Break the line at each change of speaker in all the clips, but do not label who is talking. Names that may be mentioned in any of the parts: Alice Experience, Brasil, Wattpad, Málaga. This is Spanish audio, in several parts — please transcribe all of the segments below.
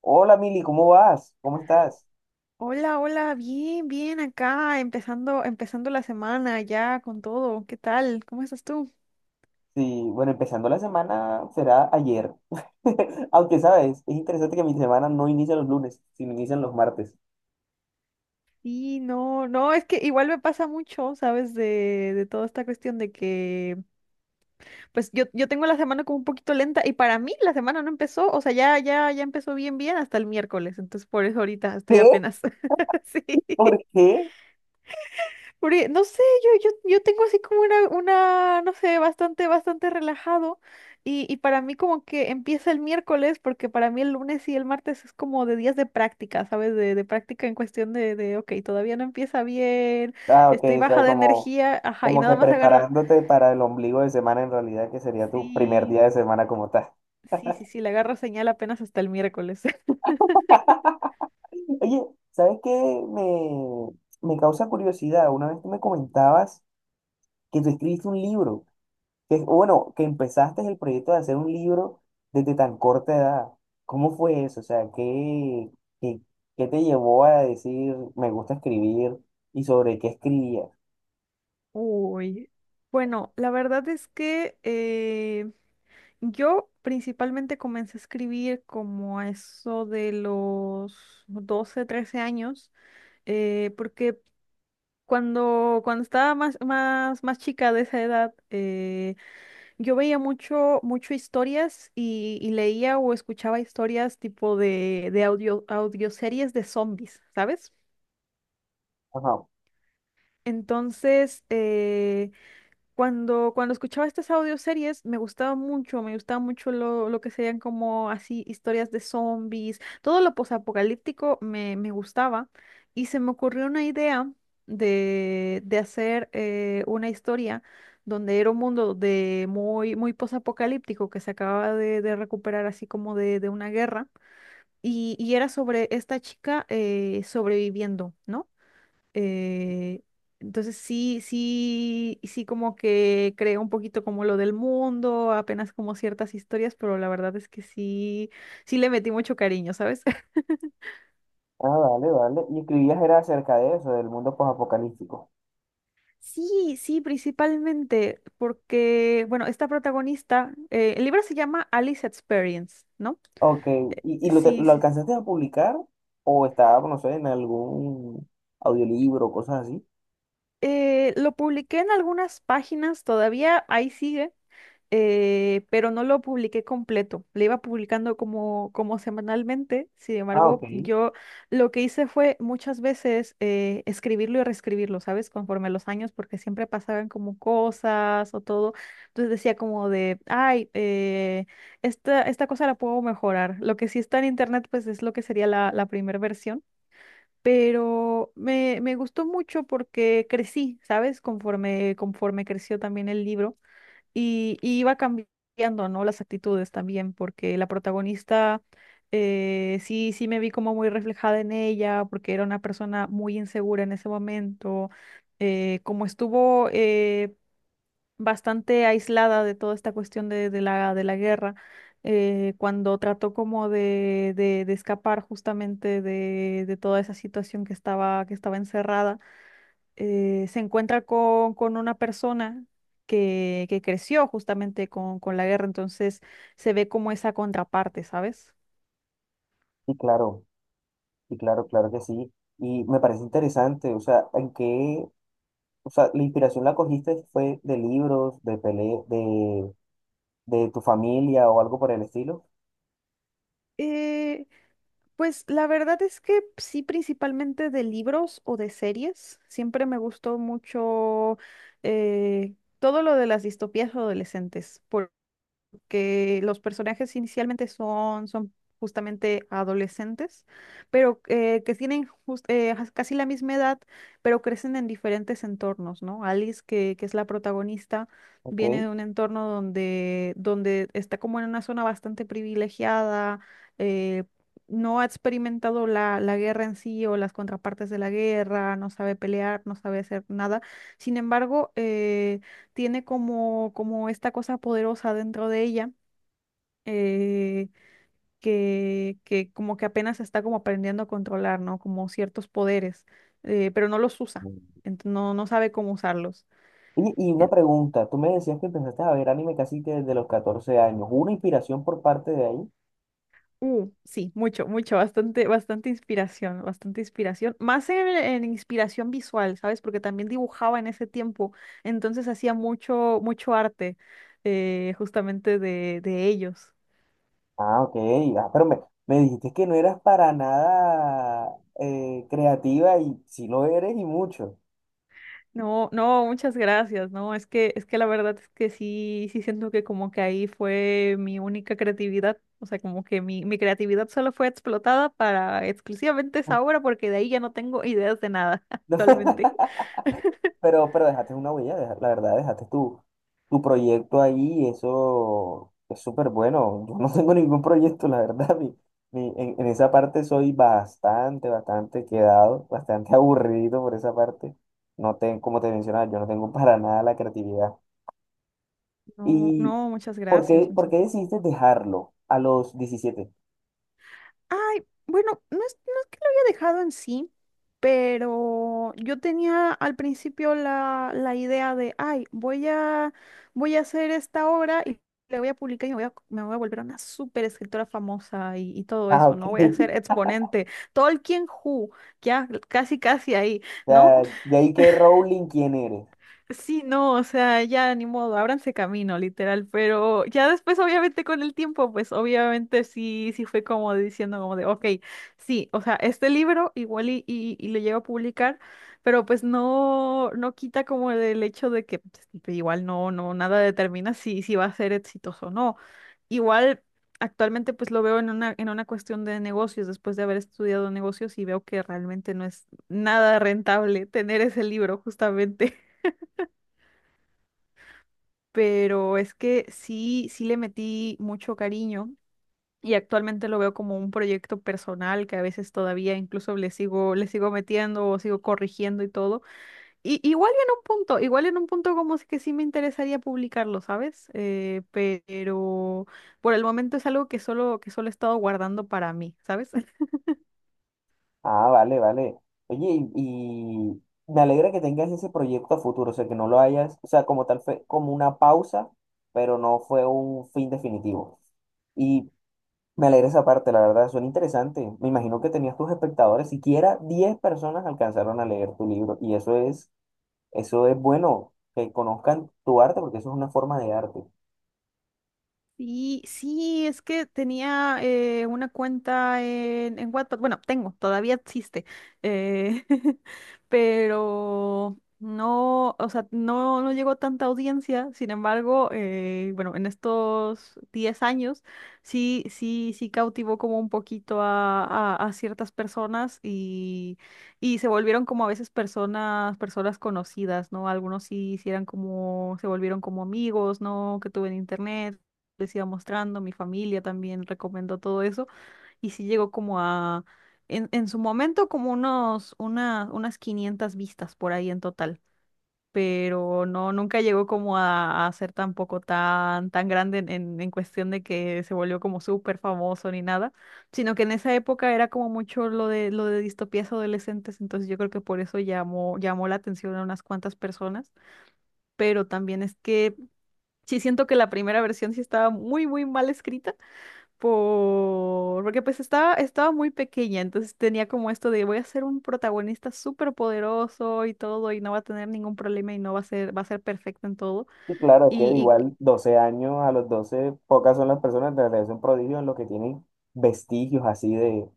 Hola Mili, ¿cómo vas? ¿Cómo estás?
Hola, hola, bien, bien acá, empezando la semana ya con todo. ¿Qué tal? ¿Cómo estás tú?
Sí, bueno, empezando la semana será ayer. Aunque sabes, es interesante que mi semana no inicia los lunes, sino inician los martes.
Sí, no, no, es que igual me pasa mucho, ¿sabes? De toda esta cuestión de que, pues yo tengo la semana como un poquito lenta y para mí la semana no empezó, o sea, ya, ya, ya empezó bien, bien hasta el miércoles, entonces por eso ahorita estoy
¿Qué?
apenas, sí.
¿Por qué?
Porque, no sé, yo tengo así como una, no sé, bastante, bastante relajado. Y para mí como que empieza el miércoles, porque para mí el lunes y el martes es como de días de práctica, ¿sabes? De práctica en cuestión de, ok, todavía no empieza bien,
Ah, ok,
estoy
o
baja
sea,
de
como,
energía, ajá, y
como que
nada más agarro,
preparándote para el ombligo de semana en realidad, que sería tu primer
sí,
día de semana como tal.
sí, sí, sí, le agarro señal apenas hasta el miércoles.
Oye, ¿sabes qué? Me, me causa curiosidad. Una vez tú me comentabas que tú escribiste un libro. Que, bueno, que empezaste el proyecto de hacer un libro desde tan corta edad. ¿Cómo fue eso? O sea, qué, qué te llevó a decir me gusta escribir y sobre qué escribías?
Uy. Bueno, la verdad es que yo principalmente comencé a escribir como a eso de los 12 13 años, porque cuando estaba más chica de esa edad, yo veía mucho, mucho historias y leía o escuchaba historias tipo de audioseries de zombies, ¿sabes?
Ajá.
Entonces, cuando escuchaba estas audioseries me gustaba mucho lo que serían como así historias de zombies, todo lo posapocalíptico me gustaba y se me ocurrió una idea de hacer una historia donde era un mundo de muy, muy posapocalíptico que se acababa de recuperar así como de una guerra y era sobre esta chica sobreviviendo, ¿no? Eh, entonces sí, sí, sí como que creo un poquito como lo del mundo, apenas como ciertas historias, pero la verdad es que sí, sí le metí mucho cariño, ¿sabes?
Ah, vale, vale. Y escribías era acerca de eso, del mundo posapocalíptico.
Sí, sí, principalmente porque, bueno, esta protagonista, el libro se llama Alice Experience, ¿no?
Ok. ¿Y lo,
Sí,
lo
sí.
alcanzaste a publicar o estaba, no sé, en algún audiolibro o cosas así?
Lo publiqué en algunas páginas, todavía ahí sigue. Pero no lo publiqué completo. Le iba publicando como semanalmente. Sin
Ah, ok.
embargo,
Sí,
yo lo que hice fue muchas veces escribirlo y reescribirlo, ¿sabes? Conforme a los años, porque siempre pasaban como cosas o todo. Entonces decía como de, ay, esta cosa la puedo mejorar. Lo que sí está en internet, pues es lo que sería la primera versión. Pero me gustó mucho porque crecí, ¿sabes? Conforme creció también el libro. Y iba cambiando, ¿no? Las actitudes también, porque la protagonista, sí, sí me vi como muy reflejada en ella, porque era una persona muy insegura en ese momento, como estuvo bastante aislada de toda esta cuestión de la guerra, cuando trató como de escapar justamente de toda esa situación que estaba encerrada, se encuentra con una persona que creció justamente con la guerra, entonces se ve como esa contraparte, ¿sabes?
claro. Sí, claro, claro que sí. Y me parece interesante, o sea, ¿en qué? O sea, la inspiración la cogiste fue de libros, de pele, de tu familia o algo por el estilo.
Eh, pues la verdad es que sí, principalmente de libros o de series. Siempre me gustó mucho todo lo de las distopías adolescentes. Porque los personajes inicialmente son justamente adolescentes, pero que tienen casi la misma edad, pero crecen en diferentes entornos, ¿no? Alice, que es la protagonista,
Ok.
viene de un entorno donde está como en una zona bastante privilegiada, eh, no ha experimentado la guerra en sí o las contrapartes de la guerra, no sabe pelear, no sabe hacer nada. Sin embargo, tiene como esta cosa poderosa dentro de ella, eh, que como que apenas está como aprendiendo a controlar, ¿no? Como ciertos poderes, pero no los usa,
Mm.
no, no sabe cómo usarlos.
Y una
En-
pregunta, tú me decías que empezaste a ver anime casi que desde los 14 años. ¿Hubo una inspiración por parte de ahí?
sí, mucho, mucho, bastante, bastante inspiración, más en inspiración visual, ¿sabes? Porque también dibujaba en ese tiempo, entonces hacía mucho, mucho arte justamente de ellos.
Ah, ok. Ah, pero me dijiste que no eras para nada creativa y si lo eres y mucho.
No, no, muchas gracias. No, es que la verdad es que sí, sí siento que como que ahí fue mi única creatividad. O sea, como que mi creatividad solo fue explotada para exclusivamente esa obra, porque de ahí ya no tengo ideas de nada actualmente.
Pero dejaste una huella, la verdad, dejaste tu, tu proyecto ahí, y eso es súper bueno. Yo no tengo ningún proyecto, la verdad. Mi, en esa parte soy bastante, bastante quedado, bastante aburrido por esa parte. No tengo, como te mencionaba, yo no tengo para nada la creatividad.
No,
¿Y
no, muchas
por
gracias,
qué, por
muchas.
qué decidiste dejarlo a los 17?
Ay, bueno, no es que lo había dejado en sí, pero yo tenía al principio la idea de, ay, voy a hacer esta obra y la voy a publicar y me voy a volver una súper escritora famosa y todo
Ah,
eso,
ok.
¿no? Voy a ser exponente. Tolkien Who, ya casi casi ahí,
O
¿no?
sea, de ahí que Rowling, ¿quién eres?
Sí, no, o sea, ya ni modo, ábranse camino, literal, pero ya después, obviamente, con el tiempo, pues obviamente sí, sí fue como diciendo como de, ok, sí, o sea, este libro igual y lo llego a publicar, pero pues no, no quita como el hecho de que pues, igual no, no, nada determina si va a ser exitoso o no. Igual actualmente pues lo veo en una cuestión de negocios, después de haber estudiado negocios y veo que realmente no es nada rentable tener ese libro justamente, pero es que sí, sí le metí mucho cariño y actualmente lo veo como un proyecto personal que a veces todavía incluso le sigo metiendo o sigo corrigiendo y todo. Y igual y en un punto, igual en un punto como es que sí me interesaría publicarlo, ¿sabes? Pero por el momento es algo que solo he estado guardando para mí, ¿sabes?
Ah, vale, vale. Oye, y me alegra que tengas ese proyecto a futuro, o sea, que no lo hayas, o sea, como tal fue como una pausa, pero no fue un fin definitivo. Y me alegra esa parte, la verdad, suena interesante. Me imagino que tenías tus espectadores, siquiera 10 personas alcanzaron a leer tu libro, y eso es bueno, que conozcan tu arte, porque eso es una forma de arte.
Sí, sí, es que tenía una cuenta en Wattpad, bueno, tengo, todavía existe, eh, pero no, o sea, no, no llegó tanta audiencia. Sin embargo, bueno, en estos 10 años sí, sí, sí cautivó como un poquito a ciertas personas y se volvieron como a veces personas, personas conocidas, ¿no? Algunos sí, sí eran como, se volvieron como amigos, ¿no? Que tuve en internet, les iba mostrando, mi familia también recomendó todo eso y sí llegó como a, en su momento como unas 500 vistas por ahí en total, pero no, nunca llegó como a ser tampoco tan, tan grande en cuestión de que se volvió como súper famoso ni nada, sino que en esa época era como mucho lo de distopías adolescentes, entonces yo creo que por eso llamó la atención a unas cuantas personas, pero también es que... Sí, siento que la primera versión sí estaba muy, muy mal escrita porque pues estaba muy pequeña, entonces tenía como esto de voy a ser un protagonista súper poderoso y todo, y no va a tener ningún problema y no va a ser, va a ser perfecto en todo.
Y claro, es que
Y,
de
y
igual 12 años, a los 12 pocas son las personas, de verdad es un prodigio en lo que tienen vestigios así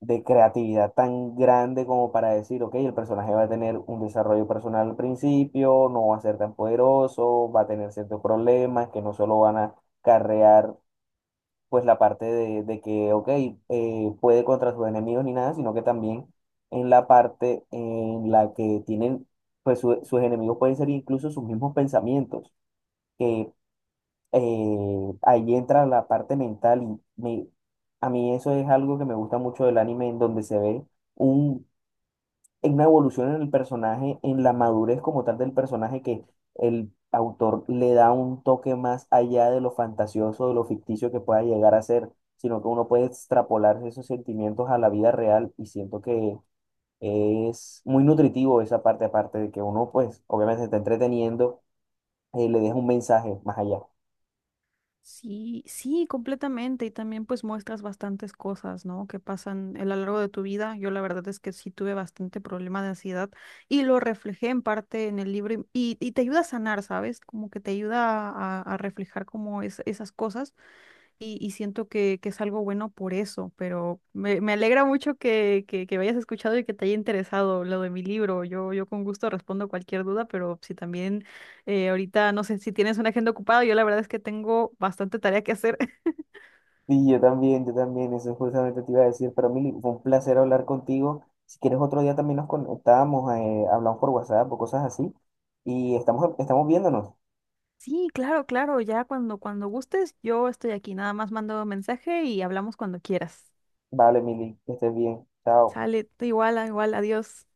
de creatividad tan grande como para decir, ok, el personaje va a tener un desarrollo personal al principio, no va a ser tan poderoso, va a tener ciertos problemas que no solo van a carrear pues la parte de que, ok, puede contra sus enemigos ni nada, sino que también en la parte en la que tienen, pues sus enemigos pueden ser incluso sus mismos pensamientos, que ahí entra la parte mental y me, a mí eso es algo que me gusta mucho del anime, en donde se ve un, una evolución en el personaje, en la madurez como tal del personaje, que el autor le da un toque más allá de lo fantasioso, de lo ficticio que pueda llegar a ser, sino que uno puede extrapolar esos sentimientos a la vida real y siento que es muy nutritivo esa parte, aparte de que uno pues obviamente se está entreteniendo, le deja un mensaje más allá.
sí, sí, completamente. Y también pues muestras bastantes cosas, ¿no? Que pasan a lo largo de tu vida. Yo la verdad es que sí tuve bastante problema de ansiedad y lo reflejé en parte en el libro y te ayuda a sanar, ¿sabes? Como que te ayuda a reflejar como esas cosas. Y siento que es algo bueno por eso, pero me alegra mucho que me hayas escuchado y que te haya interesado lo de mi libro. Yo con gusto respondo cualquier duda, pero si también, ahorita, no sé, si tienes una agenda ocupada, yo la verdad es que tengo bastante tarea que hacer.
Sí, yo también, eso justamente te iba a decir. Para mí fue un placer hablar contigo. Si quieres otro día también nos conectamos, hablamos por WhatsApp o cosas así. Y estamos, estamos viéndonos.
Sí, claro, claro, ya cuando gustes, yo estoy aquí, nada más mando mensaje y hablamos cuando quieras.
Vale, Mili, que estés bien. Chao.
Sale, igual, igual, adiós.